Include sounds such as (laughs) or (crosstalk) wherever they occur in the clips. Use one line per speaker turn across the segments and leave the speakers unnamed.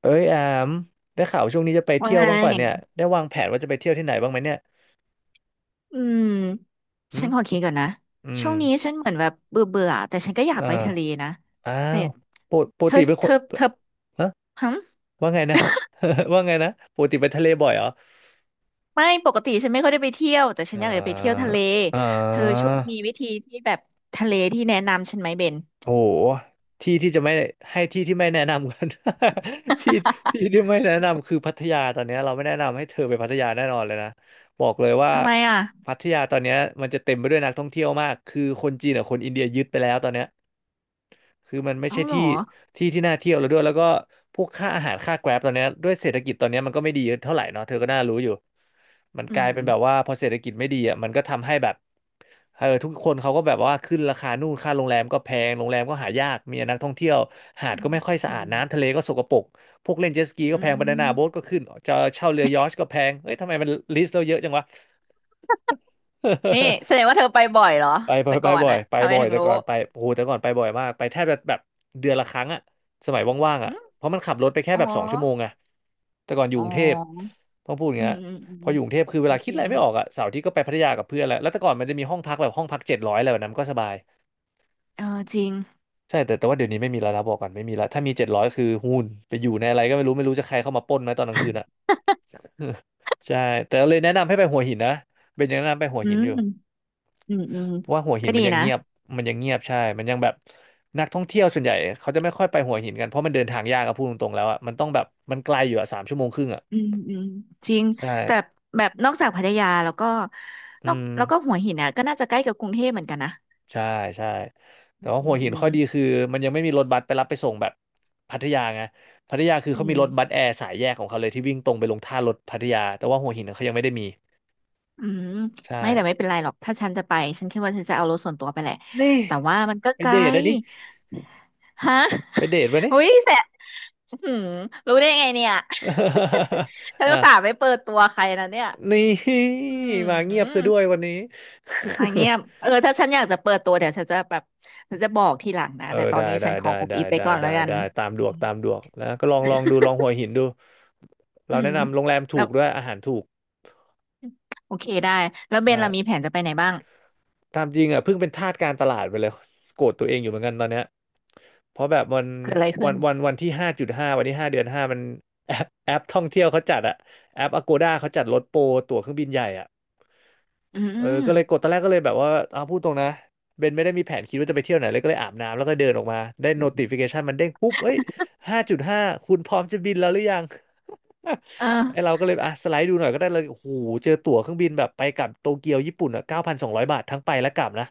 เอ้ยแอมได้ข่าวช่วงนี้จะไป
ว่า
เที่ยว
ไง
บ้างป่ะเนี่ยได้วางแผนว่าจะไปเที่ยวที่ไหนบ้างไหมเนี่ย
อืม
หื
ฉั
ม
นขอคิดก่อนนะ
อื
ช่
ม
วงนี้ฉันเหมือนแบบเบื่อเบื่อแต่ฉันก็อยาก
อ่
ไปทะเล
า
นะ
อ้า
แต่
วปกป
เธ
ก
อ
ติเป็นค
เธ
น
อเธอ
ฮะ
ฮึ
ว่าไงนะ (laughs) ว่าไงนะปกติไปทะเลบ่อยเหรอ
ไม่ปกติฉันไม่ค่อยได้ไปเที่ยวแต่ฉัน
อ่
อยากจะไปเที่ยวทะ
า
เล
อ่
เธอช่
า
วยมีวิธีที่แบบทะเลที่แนะนำฉันไหมเบน
โหที่ที่จะไม่ให้ที่ที่ไม่แนะนำกัน (laughs) ที่ที่
(laughs)
ที่ไม่แนะนำคือพัทยาตอนเนี้ยเราไม่แนะนำให้เธอไปพัทยาแน่นอนเลยนะบอกเลยว่า
ทำไมอ่ะ
พัทยาตอนเนี้ยมันจะเต็มไปด้วยนักท่องเที่ยวมากคือคนจีนกับคนอินเดียยึดไปแล้วตอนเนี้ย คือมันไม่
เอา
ใช่
เหร
ที่
อ
ที่ที่น่าเที่ยวแล้วด้วยแล้วก็พวกค่าอาหารค่าแกร็บตอนเนี้ยด้วยเศรษฐกิจตอนเนี้ยมันก็ไม่ดีเท่าไหร่เนาะเธอก็น่ารู้อยู่มัน
อื
กลาย
ม
เป็นแบบว่าพอเศรษฐกิจไม่ดีอ่ะมันก็ทำให้แบบเออทุกคนเขาก็แบบว่าขึ้นราคานู่นค่าโรงแรมก็แพงโรงแรมก็หายากมีนักท่องเที่ยวหาด
อืม
ก็ไม่ค่อยสะ
อื
อาด
ม
น้ำทะเลก็สกปรกพวกเล่นเจ็ตสกีก็
อื
แพงบานาน่า
ม
โบ๊ทก็ขึ้นจะเช่าเรือยอชต์ก็แพงเอ้ยทำไมมันลิสต์เราเยอะจังวะ
นี่แสดงว่าเธอไปบ่อยเหรอ
ไปบ่อย
แต่
ไป
ก่อน
บ่อย
อะ
ไป
ทำไม
บ่อย
ถึง
แต่
รู้
ก่อนไปโอ้โหแต่ก่อนไปบ่อยมากไปแทบจะแบบเดือนละครั้งอะสมัยว่างๆ
อื
อะ
ม
เพราะมันขับรถไปแค่
อ๋อ
แบบ2 ชั่วโมงไงแต่ก่อนอยู่
อ๋
กรุงเทพ
อ
ต้องพูดอย่าง
อื
เงี้
ม
ย
อืมอื
พ
ม
ออยู่กรุงเทพคือเว
ก็
ลาคิ
จ
ดอะ
ริ
ไร
ง
ไม่ออกอะเสาร์อาที่ก็ไปพัทยากับเพื่อนแหละแล้วแต่ก่อนมันจะมีห้องพักแบบห้องพักเจ็ดร้อยอะไรแบบนั้นก็สบาย
เออจริง
ใช่แต่ว่าเดี๋ยวนี้ไม่มีแล้วนะบอกก่อนไม่มีแล้วถ้ามีเจ็ดร้อยคือหุ้นไปอยู่ในอะไรก็ไม่รู้ไม่รู้จะใครเข้ามาปล้นไหมตอนกลางคืนอะ (laughs) ใช่แต่เลยแนะนำให้ไปหัวหินนะเป็นยังแนะนำไปหัว
อื
หิน
ม
อยู่
อืมอืม
เพราะว่าหัวหิ
ก็
นมั
ดี
นยัง
นะ
เงียบมันยังเงียบใช่มันยังแบบนักท่องเที่ยวส่วนใหญ่เขาจะไม่ค่อยไปหัวหินกันเพราะมันเดินทางยากอะพูดตรงๆแล้วอะมันต้องแบบมันไกลอยู่อะ3 ชั่วโมงครึ่งอะ
อืมอืมจริง
ใช่
แต่แบบนอกจากพัทยาแล้วก็
อื
นอก
ม
แล้วก็หัวหินอ่ะก็น่าจะใกล้กับกรุงเทพเหมือนกันนะ
ใช่ใช่แต่
อืม
ว่า
อื
หัวหินข้อ
ม
ดีคือมันยังไม่มีรถบัสไปรับไปส่งแบบพัทยาไงพัทยาคือ
อื
เขามี
ม
รถบัสแอร์สายแยกของเขาเลยที่วิ่งตรงไปลงท่ารถพัทยาแต่ว่าหัวหินเขายังไม่ได้มี
อืม
ใช่
ไม่แต่ไม่เป็นไรหรอกถ้าฉันจะไปฉันคิดว่าฉันจะเอารถส่วนตัวไปแหละ
นี่
แต่ว่ามันก็
ไป
ไกล
เดทอันนี้
ฮะ
ไปเดทวะนนี่
อุ้ยแสบอื้อหือรู้ได้ไงเนี่ย
(laughs)
(laughs) ฉัน
อ่ะ
อุตส่าห์ไม่เปิดตัวใครนะเนี่ย
นี่
อื
มาเงียบซะ
ม
ด้วยวันนี้
มาเงียบ
(laughs)
เออ ถ้าฉันอยากจะเปิดตัวเดี๋ยวฉันจะแบบ ฉันจะบอกทีหลังนะ
เออ
แต่ตอ
ได้
นนี้
ได้
ฉันขอ
ได้
อุบ
ได้
อิบไป
ได้
ก่อน
ได้
แล้วกัน
ได้ตามดวกตามดวกแล้วก็ลองลองดูลองหัวหินดู
อื
เรา
ม
แนะนำโรงแรม
แล้
ถู
ว
กด้วยอาหารถูก
โอเคได้แล้วเบ
ใช่
นเรามีแผนจะไปไหนบ้าง
ตามจริงอ่ะเพิ่งเป็นทาสการตลาดไปเลยโกรธตัวเองอยู่เหมือนกันตอนเนี้ยเพราะแบบวัน
เกิดอะไร
วั
ขึ้
น
น
วันวันที่ห้าจุดห้าวันที่ 5 เดือน 5มันแอปท่องเที่ยวเขาจัดอะแอปอ g กด้าเขาจัดลดโปรตั๋วเครื่องบินใหญ่อะ
อื
เออก็เลยกด
ม
ตอนแรกก็เลยแบบว่าอ่าพูดตรงนะเบนไม่ได้มีแผนคิดว่าจะไปเที่ยวไหนเลยก็เลยอาบน้ำแล้วก็เดินออกมา ได้ notification มันเด้งปุ๊บเอ้ย5.5คุณพร้อมจะบินแล้วหรือยัง
เอ
(laughs) ไอเรา
อ
ก็เลยอ่ะสไลด์ดูหน่อยก็ได้เลยโอ้โหเจอตั๋วเครื่องบินแบบไปกลับโตเกียวญี่ปุ่นอ่ะเก้าพันสองร้อยบาททั้งไปและกลับนะ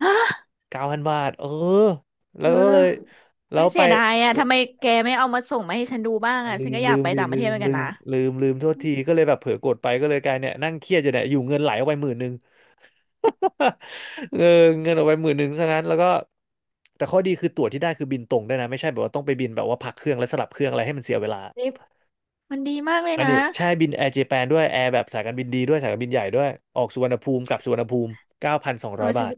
(gasps) ฮะ
9,000 บาทเออแล้
เอ
วก็เลย
อ
แล้
ไม่
วไป
เสียดายอ่ะทำไมแกไม่เอามาส่งมาให้ฉันดูบ้างอ่ะ
ลื
ฉัน
ม
ก็อ
ลื
ยาก
ม
ไป
ดิ
ต่างป
ลื
ระเทศ
ม
เหมือน
ลื
กัน
ม
นะ
ลืมโทษทีก็เลยแบบเผลอกดไปก็เลยกลายเนี่ยนั่งเครียดอยู่เนี่ยอยู่เงินไหลออกไป10,000 (laughs) เออเงินออกไป10,000ซะงั้นแล้วก็แต่ข้อดีคือตั๋วที่ได้คือบินตรงได้วยนะไม่ใช่แบบว่าต้องไปบินแบบว่าพักเครื่องและสลับเครื่องอะไรให้มันเสียเวลา
นี่ มันดีมากเลย
อัน
นะ
นี้ใช่บินแอร์เจแปนด้วยแอร์แบบสายการบินดีด้วยสายการบินใหญ่ด้วยออกสุวรรณภูมิกลับสุวรรณภูมิเก้าพันสอง
เออ
ร้อย
ฉัน
บาท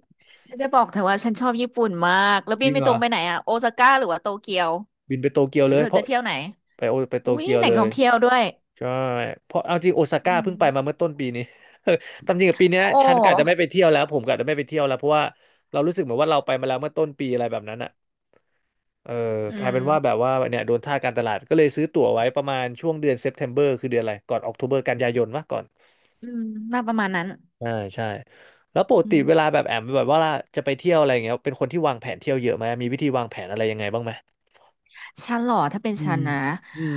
ฉันจะบอกเธอว่าฉันชอบญี่ปุ่นมาก แล้ว
จ
บิ
ริ
น
ง
ไป
เหร
ตร
อ
งไปไหนอะโอซาก้าหรือว่าโตเกียว
บินไปโตเกียว
หรื
เล
อ
ย
เธอ
เพ
จะ
ราะ
เที่ยวไหน
ไปโต
อุ้ย
เกียว
แหล่
เล
งท่
ย
องเที่ยวด้วย
ใช่เพราะเอาจริงโอซาก้า
อืม
เพิ่งไปมาเมื่อต้นปีนี้ (laughs) ตามจริงกับปีเนี้
โอ
ยฉันกะจะ
้
ไม่ไปเที่ยวแล้วผมกะจะไม่ไปเที่ยวแล้วเพราะว่าเรารู้สึกเหมือนว่าเราไปมาแล้วเมื่อต้นปีอะไรแบบนั้นอะ เออ
อื
กลายเป็
ม
นว่าแบบว่าเนี่ยโดนท่าการตลาดก็เลยซื้อตั๋วไว้ประมาณช่วงเดือนเซปเทมเบอร์คือเดือนอะไรก่อนออก o b เบอร์กันยายนมะก่อน
อืมน่าประมาณนั้น
ใช่ใช่แล้วปก
อื
ติ
ม
เวลาแบบแอมแบบว่าจะไปเที่ยวอะไรอย่างเงี้ยเป็นคนที่วางแผนเที่ยวเยอะไหมมีวิธีวางแผนอะไรยังไงบ้างไหม
ฉันเหรอถ้าเป็น
อื
ฉั
ม
นนะ
อืม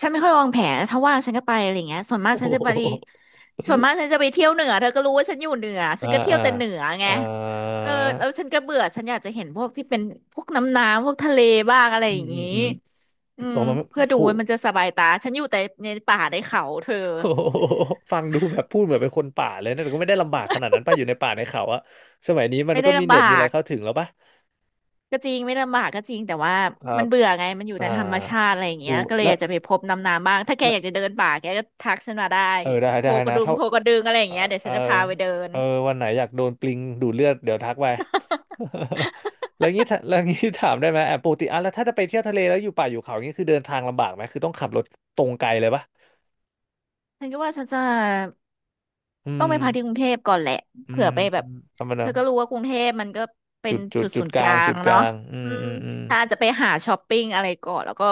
ฉันไม่ค่อยวางแผนถ้าว่างฉันก็ไปอะไรเงี้ยส่วนมาก
โอ้โ
ฉันจะไป
ห
ส่วนมากฉันจะไปเที่ยวเหนือเธอก็รู้ว่าฉันอยู่เหนือฉั
อ่า
นก็เที่ย
อ่า
วแต่เหนือไง
อ่า
เออแล้วฉันก็เบื่อฉันอยากจะเห็นพวกที่เป็นพวกน้ำน้ำพวกทะเลบ้างอะไร
อื
อ
ม
ย่าง
อืม
งี้
อืม
อื
อ
ม
อกมา
เพื่อดู
โห
ว่ามันจะสบายตาฉันอยู่แต่ในป่าในเขาเธอ
โอ้โหฟังดูแบบพูดเหมือนเป็นคนป่าเลยนะแต่ก็ไม่ได้ลำบากขนาดนั้นป่ะอยู่ในป่าในเขาอะสมัยนี้มัน
ไม่
ก็
ได้
มี
ลำ
เน็
บา
ตมีอะไร
ก
เข้าถึงแล้วป่ะ
ก็จริงไม่ลำบากก็จริงแต่ว่า
ครั
มัน
บ
เบื่อไงมันอยู่
อ่า
แต่ธรรมชาติอะไรอย่างเงี้
หู
ย
ก
ก็เลยอ
แล้ว
ยากจะไปพบน้ำน้ำบ้างถ้าแกอยากจะเดินป่าแกก็ทักฉันมาได้
เออได้
โพ
ได้
กระ
นะ
ดึง
ถ้า
โพกระดึงอะไรอย่า
เอ
ง
อ
เงี้ยเดี๋ยว
เออ
ฉันจะพาไปเดิน
เออวันไหนอยากโดนปลิงดูดเลือดเดี๋ยวทักไป (laughs)
(laughs)
แล้วงี้ถ้าแล้วงี้ถามได้ไหมแอบปกติอ่ะแล้วถ้าจะไปเที่ยวทะเลแล้วอยู่ป่าอยู่เขาอย่างงี้คือเดินทางลำบากไหมคือต้องขับรถตรงไกลเลยปะ
ฉันก็ว่าฉันจะ
อื
ต้องไปพักที่ก
ม
รุงเทพก่อนแหละ
อื
เผื่
ม
อไปแบบ
ธรรมดา
เธอก็รู้ว่ากรุงเทพมันก็เป็นจุดศูนย์กลา
จุ
ง
ดก
เนาะ
ลางอื
อื
ม
ม
อืมอืม
ถ้าอาจจะไปหาช้อปปิ้งอะไรก่อนแล้วก็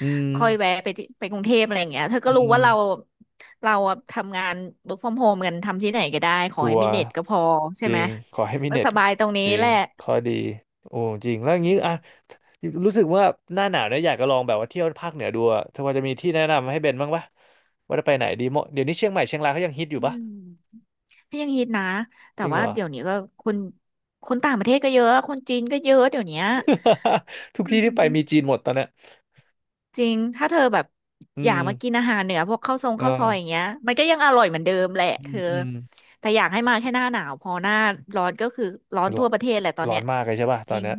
อื
ค่อยแวะ
ม
ไปที่ไปกรุงเทพอะไรอย่างเงี้ยเธอก็
อื
รู้ว่าเรา
ม
เราอะทำงาน work from home กันทำที่ไหนก็ได้ขอ
ชั
ให้
ว
มี
ร์
เน็ตก็พอใช่
จริ
ไหม
งขอให้มี
ก็
เน็ต
สบายตรงนี้
จริ
แห
ง
ละ
ข้อดีโอ้จริงแล้วอย่างงี้
อืม
อ่ะ รู้สึกว่าหน้าหนาวเนี่ยอยากจะลองแบบว่าเที่ยวภาคเหนือดูอะเธอพอจะมีที่แนะนำให้เบนบ้างปะ ว่าจะไปไหนดีเหมาะเดี๋ยวนี้เชียงใหม่เชียงรายเขายังฮิตอยู่
อื
ปะ
มก็ยังฮิตนะ
จ
แต่
ริงเห
ว่า
รอ
เดี๋ยวนี้ก็คนคนต่างประเทศก็เยอะคนจีนก็เยอะเดี๋ยวเนี้ย
(laughs) ทุก
อื
ที่ที่ไป
ม
มีจีนหมดตอนเนี้ย
จริง ถ้าเธอแบบ
อื
อยา
ม
กมากินอาหารเหนือพวกข้าวซองข้าวซอยอย่าง
อ่า
เงี้ยมันก็ยังอร่อยเหมือนเดิมแหละ
อื
เธ
ม
อ
อืม
แต่อยากให้มาแค่หน้าหนาวพอหน้าร้อนก็คือร้อน
มันร้อ
ทั่ว
น
ประเทศแหละตอน
ร้อ
เนี้
น
ย
มากเลยใช่ปะ
จ
ตอน
ริง
เนี้ย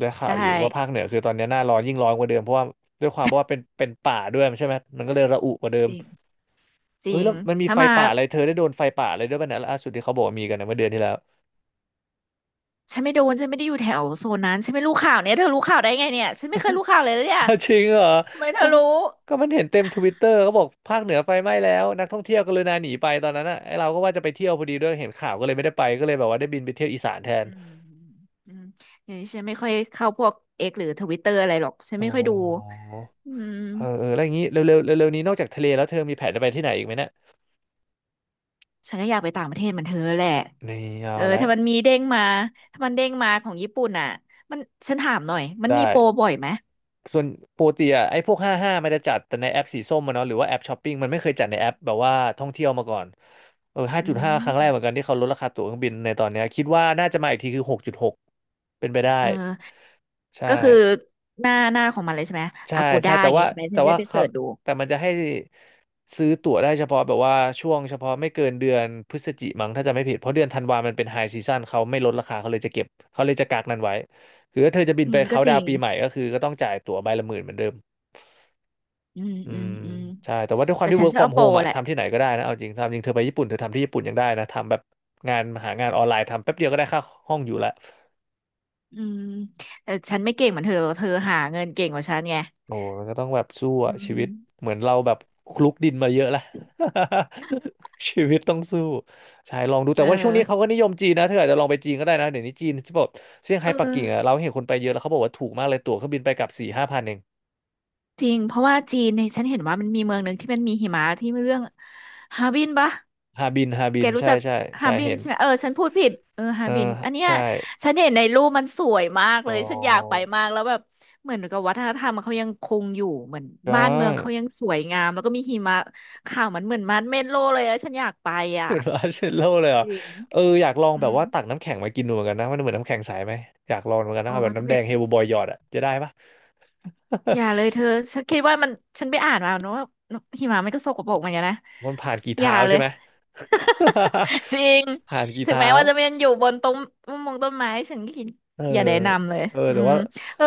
ได้ข่าว
ใช่
อยู่ว่าภาคเหนือคือตอนเนี้ยหน้าร้อนยิ่งร้อนกว่าเดิมเพราะว่าด้วยความว่าเป็นป่าด้วยใช่ไหมมันก็เลยระอุกว่าเดิ
จ
ม
ริงจ
เอ้
ริ
ย
ง
แล้วมันมี
ถ้า
ไฟ
มา
ป่าอะไรเธอได้โดนไฟป่าอะไรด้วยป่ะเนี่ยล่าสุดที่เขาบอกว่ามีกันนะเมื่อเดือนที่แล้ว
ฉันไม่โดนฉันไม่ได้อยู่แถวโซนนั้นฉันไม่รู้ข่าวเนี่ยเธอรู้ข่าวได้ไงเนี่ยฉันไม่เคยรู้ข่าวเลยนะเนี่ย
จริงเหรอ
ทำไมเธอ
ก็
รู้
ก็มันเห็นเต็มทวิตเตอร์เขาบอกภาคเหนือไฟไหม้แล้วนักท่องเที่ยวกรุณาหนีไปตอนนั้นอ่ะไอเราก็ว่าจะไปเที่ยวพอดีด้วยเห็นข่าวก็เลยไม่ได้ไปก็เลยแบบว่าได้บินไปเที่ยวอีสานแทน
อืมอืมอย่างนี้ฉันไม่ค่อยเข้าพวกเอ็กหรือทวิตเตอร์อะไรหรอกฉัน
อ๋อ
ไม่ค่อยดูอืม
เออเออแล้วอย่างนี้เร็วเร็วเร็วเร็วๆนี้นอกจากทะเลแล้วเธอมีแผนจะไปที่ไหนอีกไหมเนี่ย
ฉันก็อยากไปต่างประเทศเหมือนเธอแหละ
นี่เอา
เออ
ละ
ถ้ามันมีเด้งมาถ้ามันเด้งมาของญี่ปุ่นอ่ะมันฉันถามหน่อยมันมี
ได้
โปรบ่อยไหม
ส่วนปกติอ่ะไอ้พวกห้าห้ามันจะจัดแต่ในแอปสีส้มมันเนาะหรือว่าแอปช้อปปิ้งมันไม่เคยจัดในแอปแบบว่าท่องเที่ยวมาก่อนเออห้า
อื
จุดห้าค
ม
รั้งแรกเหมือนกันที่เขาลดราคาตั๋วเครื่องบินในตอนเนี้ยคิดว่าน่าจะมาอีกทีคือหกจุดหกเป็นไปได้
เออ
ใช่
ก็คือหน้าของมันเลยใช่ไหม
ใช่
อากู
ใช่
ด้าอ
แต่
ย่าง
ว่า
งี้ใช่ไหมฉั
แต่
นจะได้
ว่า
ไปเสิ
เขา
ร์ชดู
มันจะให้ซื้อตั๋วได้เฉพาะแบบว่าช่วงเฉพาะไม่เกินเดือนพฤศจิมั้งถ้าจะไม่ผิดเพราะเดือนธันวามันเป็นไฮซีซั o นเขาไม่ลดราคาเขาเลยจะเก็บเขาเลยจะกักนั้นไว้คือถ้าเธอจะบิน
อื
ไป
มก็
เขาน์
จ
ดา
ริ
วน์
ง
ปีใหม่ก็คือก็ต้องจ่ายตั๋วใบละหมื่นเหมือนเดิม
อืม
อื
อืม
ม
อืม
ใช่แต่ว่าด้วยความ
แต่
ที่
ฉัน
work
ชอบ
from
เอาโปร
home อะ
แหละ
ทำที่ไหนก็ได้นะเอาจริงทำจริงเธอไปญี่ปุ่นเธอทำที่ญี่ปุ่นยังได้นะทำแบบงานหางานออนไลน์ทำแป๊บเดียวก็ได้ค่าห้องอยู่ละ
อืมแต่ฉันไม่เก่งเหมือนเธอเธอหาเงินเก่งกว่าฉันไง
โอ้มันก็ต้องแบบสู้
อื
อะชีวิต
ม
เหมือนเราแบบคลุกดินมาเยอะละ (laughs) ชีวิตต้องสู้ใช่ลองดู
เอ
แต่
อ
ว่าช่วงนี้เขาก็นิยมจีนนะเธออาจจะลองไปจีนก็ได้นะเดี๋ยวนี้จีนที่บอกเซี่ยงไฮ้
เอ
ปัก
อ
กิ่งอะเราเห็นคนไปเยอะแล้วเขาบอกว่าถูกมากเลยตั๋วเครื่องบินไปกลับสี่ห้าพันเอง
จริงเพราะว่าจีนเนี่ยฉันเห็นว่ามันมีเมืองหนึ่งที่มันมีหิมะที่เรื่องฮาร์บินปะ
ฮาบินฮาบิ
แก
น
รู้
ใช่
จัก
ใช่
ฮา
ใช่
ร์บิน
เห็น
ใช่ไหมเออฉันพูดผิดเออฮา
เออ
ร์บินอันเนี้ย
ใช่
ฉันเห็นในรูปมันสวยมาก
อ๋
เลยฉันอยากไป
อ
มากแล้วแบบเหมือนกับวัฒนธรรมเขายังคงอยู่เหมือน
ใช่
บ้านเมืองเขายังสวยงามแล้วก็มีหิมะขาวมันเหมือนมันเมดโลเลยอะฉันอยากไปอ่ะ
เป็นว่าร์เชลโลเลยเหรอ
จริง
เอออยากลอง
อื
แบบ
ม
ว่าตักน้ำแข็งมากินดูเหมือนกันนะมันเหมือนน้ำแข็งใสไหมอยากลองเหมือนกันนะ
โอ้
เอาแบบ
จะ
น้ำ
ไป
แดงเฮลบอยหยอดอะจะได้ปะ
อย่าเลยเธอฉันคิดว่ามันฉันไปอ่านมาเนอะว่าหิมะมันก็สกปรกเหมือนกันนะ
มันผ่านกี่
อย่า
เท้า
เล
ใช่
ย
ไหม
จริง
(laughs) ผ่านกี่
ถึง
เท้า
แม้ว่าจะเป็นอยู่บนต้นงต้นไม้ฉันก็กิน
เออ
อย่าแนะนำเลย
เออ
อื
แต่
ม
ว่า
เออ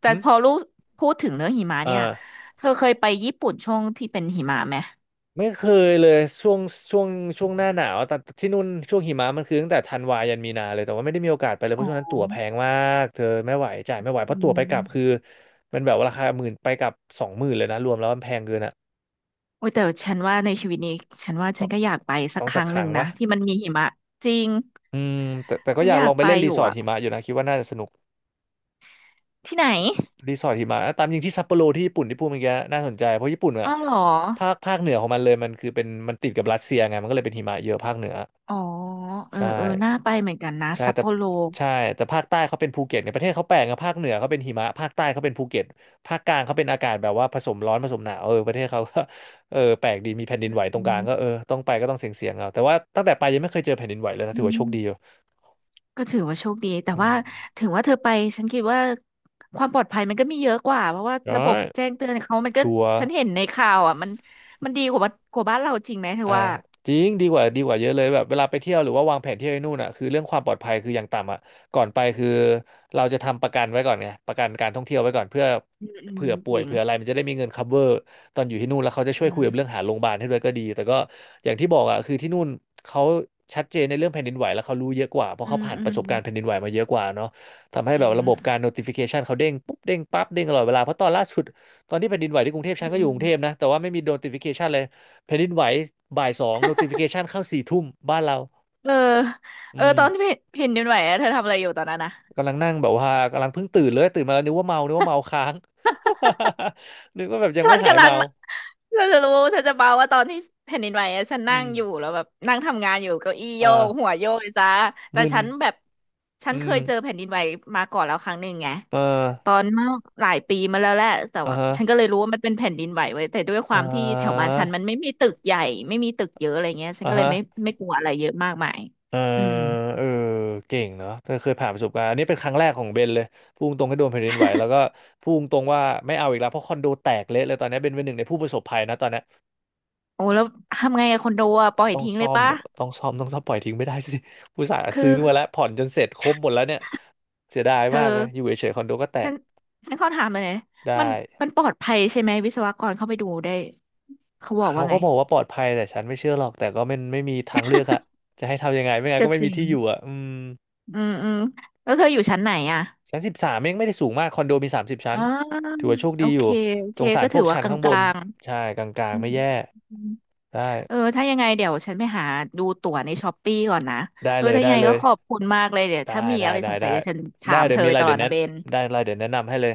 แต่
หึ
พอลูกพูดถึงเรื่องหิมะ
เอ
เนี่ย
า
เธอเคยไปญี่ปุ่นช่วงที่เป็นหิมะไหม
ไม่เคยเลยช่วงช่วงหน้าหนาวแต่ที่นู่นช่วงหิมะมันคือตั้งแต่ธันวายันมีนาเลยแต่ว่าไม่ได้มีโอกาสไปเลยเพ
อ๋
ราะช่วงนั้น
อ
ตั๋วแพงมากเธอไม่ไหวจ่ายไม่ไหวเพ
อื
ราะตั๋วไปกลับคือ
ม
มันแบบราคาหมื่นไปกลับสองหมื่นเลยนะรวมแล้วมันแพงเกินอ่ะ
โอ้ยแต่ฉันว่าในชีวิตนี้ฉันว่าฉั
ต้อ
น
ง
ก็อยากไปสัก
ต้อง
ค
สัก
รั้ง
ค
หนึ่
รั้
ง
ง
นะ
วะ
ที่มันมีหิมะจริง
อืมแต่แต่ก็
ฉัน
อยา
อ
กล
ยา
อ
ก
งไป
ไป
เล่น
อ
รี
ยู่
สอร์ท
อะ
หิมะอยู่นะคิดว่าน่าจะสนุก
ที่ไหน
รีสอร์ทหิมะตามจริงที่ซัปโปโรที่ญี่ปุ่นที่พูดเมื่อกี้น่าสนใจเพราะญี่ปุ่นอะ
อ้าวเหรอ
ภาคเหนือของมันเลยมันคือเป็นมันติดกับรัสเซียไงมันก็เลยเป็นหิมะเยอะภาคเหนือ
อ๋อเออ
ใช่
เออน่าไปเหมือนกันนะ
ใช่
ซัป
แต่
โปโร
ใช่แต่ภาคใต้เขาเป็นภูเก็ตเนี่ยประเทศเขาแปลกนะภาคเหนือเขาเป็นหิมะภาคใต้เขาเป็นภูเก็ตภาคกลางเขาเป็นอากาศแบบว่าผสมร้อนผสมหนาวเออประเทศเขาก็ (laughs) เออแปลกดีมีแผ่นดิน
อื
ไหวตรงกลางก็เออ
ม
ต้องไปก็ต้องเสี่ยงๆเอาแต่ว่าตั้งแต่ไปยังไม่เคยเจอแผ่นดินไหวเลยนะ
อื
ถือว่าโชคดีอยู่
ม ก็ถือว่าโชคดีแต่
อื
ว่า
ม
ถึงว่าเธอไปฉันคิดว่าความปลอดภัยมันก็มีเยอะกว่าเพราะว่าระ
ได้
บบแจ้งเตือนเขามันก็
ชัวร์
ฉันเห็นในข่าวอ่ะมันมันดีกว่าบ้านกว่าบ้านเราจริงไหมเธอ
อ่า
ว่า
จริงดีกว่าดีกว่าเยอะเลยแบบเวลาไปเที่ยวหรือว่าวางแผนเที่ยวไอ้นู่นอ่ะคือเรื่องความปลอดภัยคืออย่างต่ำอ่ะก่อนไปคือเราจะทำประกันไว้ก่อนไงประกันการท่องเที่ยวไว้ก่อนเพื่อ
อืมอืม
เผื่อป่
จ
วย
ริง
เผื่ออะไรมันจะได้มีเงิน cover ตอนอยู่ที่นู่นแล้วเขาจะช่วย
อื
คุ
ม
ยกับเรื่องหาโรงพยาบาลให้ด้วยก็ดีแต่ก็อย่างที่บอกอ่ะคือที่นู่นเขาชัดเจนในเรื่องแผ่นดินไหวแล้วเขารู้เยอะกว่าเพราะ
อื
เขา
ม
ผ่าน
อื
ป
ม
ระสบการณ์แผ่นดินไหวมาเยอะกว่าเนาะทำ
จ
ให้
ริ
แบบ
ง
ระบบการ notification เขาเด้งปุ๊บเด้งปั๊บเด้งตลอดเวลาเพราะตอนล่าสุดตอนที่แผ่นดินไหวที่กรุงเทพ
อื
ฉันก็อยู่ก
ม
รุงเทพนะแต่ว่าไม่มี notification เลย แผ่นดินไหวบ่ายสอง notification เข้าสี่ทุ่มบ้านเรา
เออเอ
อื
อ
ม
ตอนที่เห็นเห็นดินไหวอะเธอทำอะไรอยู่ตอนนั้นนะ
กำลังนั่งแบบว่ากำลังเพิ่งตื่นเลยตื่นมาแล้วนึกว่าเมานึกว่าเมาค้าง (laughs) นึกว่าแบบยัง
ฉั
ไม่
น
หาย
กำลัง
เมา
ฉันจะรู้ฉันจะเมาว่าตอนที่แผ่นดินไหวอะฉันนั่
อื
ง
ม
อยู่แล้วแบบนั่งทำงานอยู่เก้าอี้โยกหั
อ่า
วโยกเลยจ้าแต่
มึน
ฉันแบบฉั
อื
นเค
ม
ยเจอแผ่นดินไหวมาก่อนแล้วครั้งหนึ่งไง
เอ
ตอ
อ
นเมื่อหลายปีมาแล้วแหละแต่
อ่า
ว่า
ฮะ
ฉันก็เลยรู้ว่ามันเป็นแผ่นดินไหวไว้ยแต่ด้วยค
อ่
วามที่แถวบ้าน
า
ฉันมันไม่มีตึกใหญ่ไม่มีตึกเยอะอะไรเงี้ยฉัน
อ่า
ก็เลย
ฮะ
ไม่กลัวอะไรเยอะมากมาย
เออ
อืม
เออเก่งเนาะเธอเคยผ่านประสบการณ์อันนี้เป็นครั้งแรกของเบนเลยพูดตรงให้โดนแผ่นดินไหวแล้วก็พูดตรงว่าไม่เอาอีกแล้วเพราะคอนโดแตกเละเลยตอนนี้เบนเป็นหนึ่งในผู้ประสบภัยนะตอนนี้
โอ้แล้วทำไงอะคอนโดอะปล่อย
ต้อง
ทิ้งเล
ซ่อ
ย
ม
ปะ
อะต้องซ่อมปล่อยทิ้งไม่ได้สิ (laughs) ผู้สาห์
คื
ซื้
อ
อมาแล้วผ่อนจนเสร็จครบหมดแล้วเนี่ยเสียดาย
เธ
มาก
อ
เลยอยู่เฉยๆคอนโดก็แต
ฉั
ก
นฉันขอถามเลยนะมั
ได้
นมันปลอดภัยใช่ไหมวิศวกรเข้าไปดูได้เขาบอก
เขา
ว่าไง
ก็บอกว่าปลอดภัยแต่ฉันไม่เชื่อหรอก แต่ก็ไม่มีทางเลือกอะจะให้ทำยังไงไม่งั้น
ก็
ก็ไม่
จ
มี
ริง
ที่อยู่อะอืม
อืมอืมแล้วเธออยู่ชั้นไหนอ่ะ
ชั้น13เองไม่ได้สูงมากคอนโดมี30ชั้
อ่
น
า
ถือว่าโชค
โอ
ดีอ
เค
ยู่
โอ
ส
เค
งสาร
ก็
พ
ถื
ว
อ
ก
ว่า
ชั้น
ก
ข้างบน
ลาง
ใช่กลา
ๆ
ง
อื
ๆไม่
ม
แย่
อืม
ได้
เออถ้ายังไงเดี๋ยวฉันไปหาดูตั๋วในช้อปปี้ก่อนนะ
ได้
เออ
เลย
ถ้ายั
ได้
งไง
เล
ก็
ย
ขอบคุณมากเลยเดี๋ยว
ได้
ถ้ามี
ได้
อะไร
ได้
สงสั
ได้
ยเดี๋ยวฉันถา
ได้
ม
เดี๋
เธ
ยว
อ
มี
ไป
อะไร
ตลอ
เดี๋ย
ด
วแนะ
นะเบน
ได้อะไรเดี๋ยวแนะนำให้เลย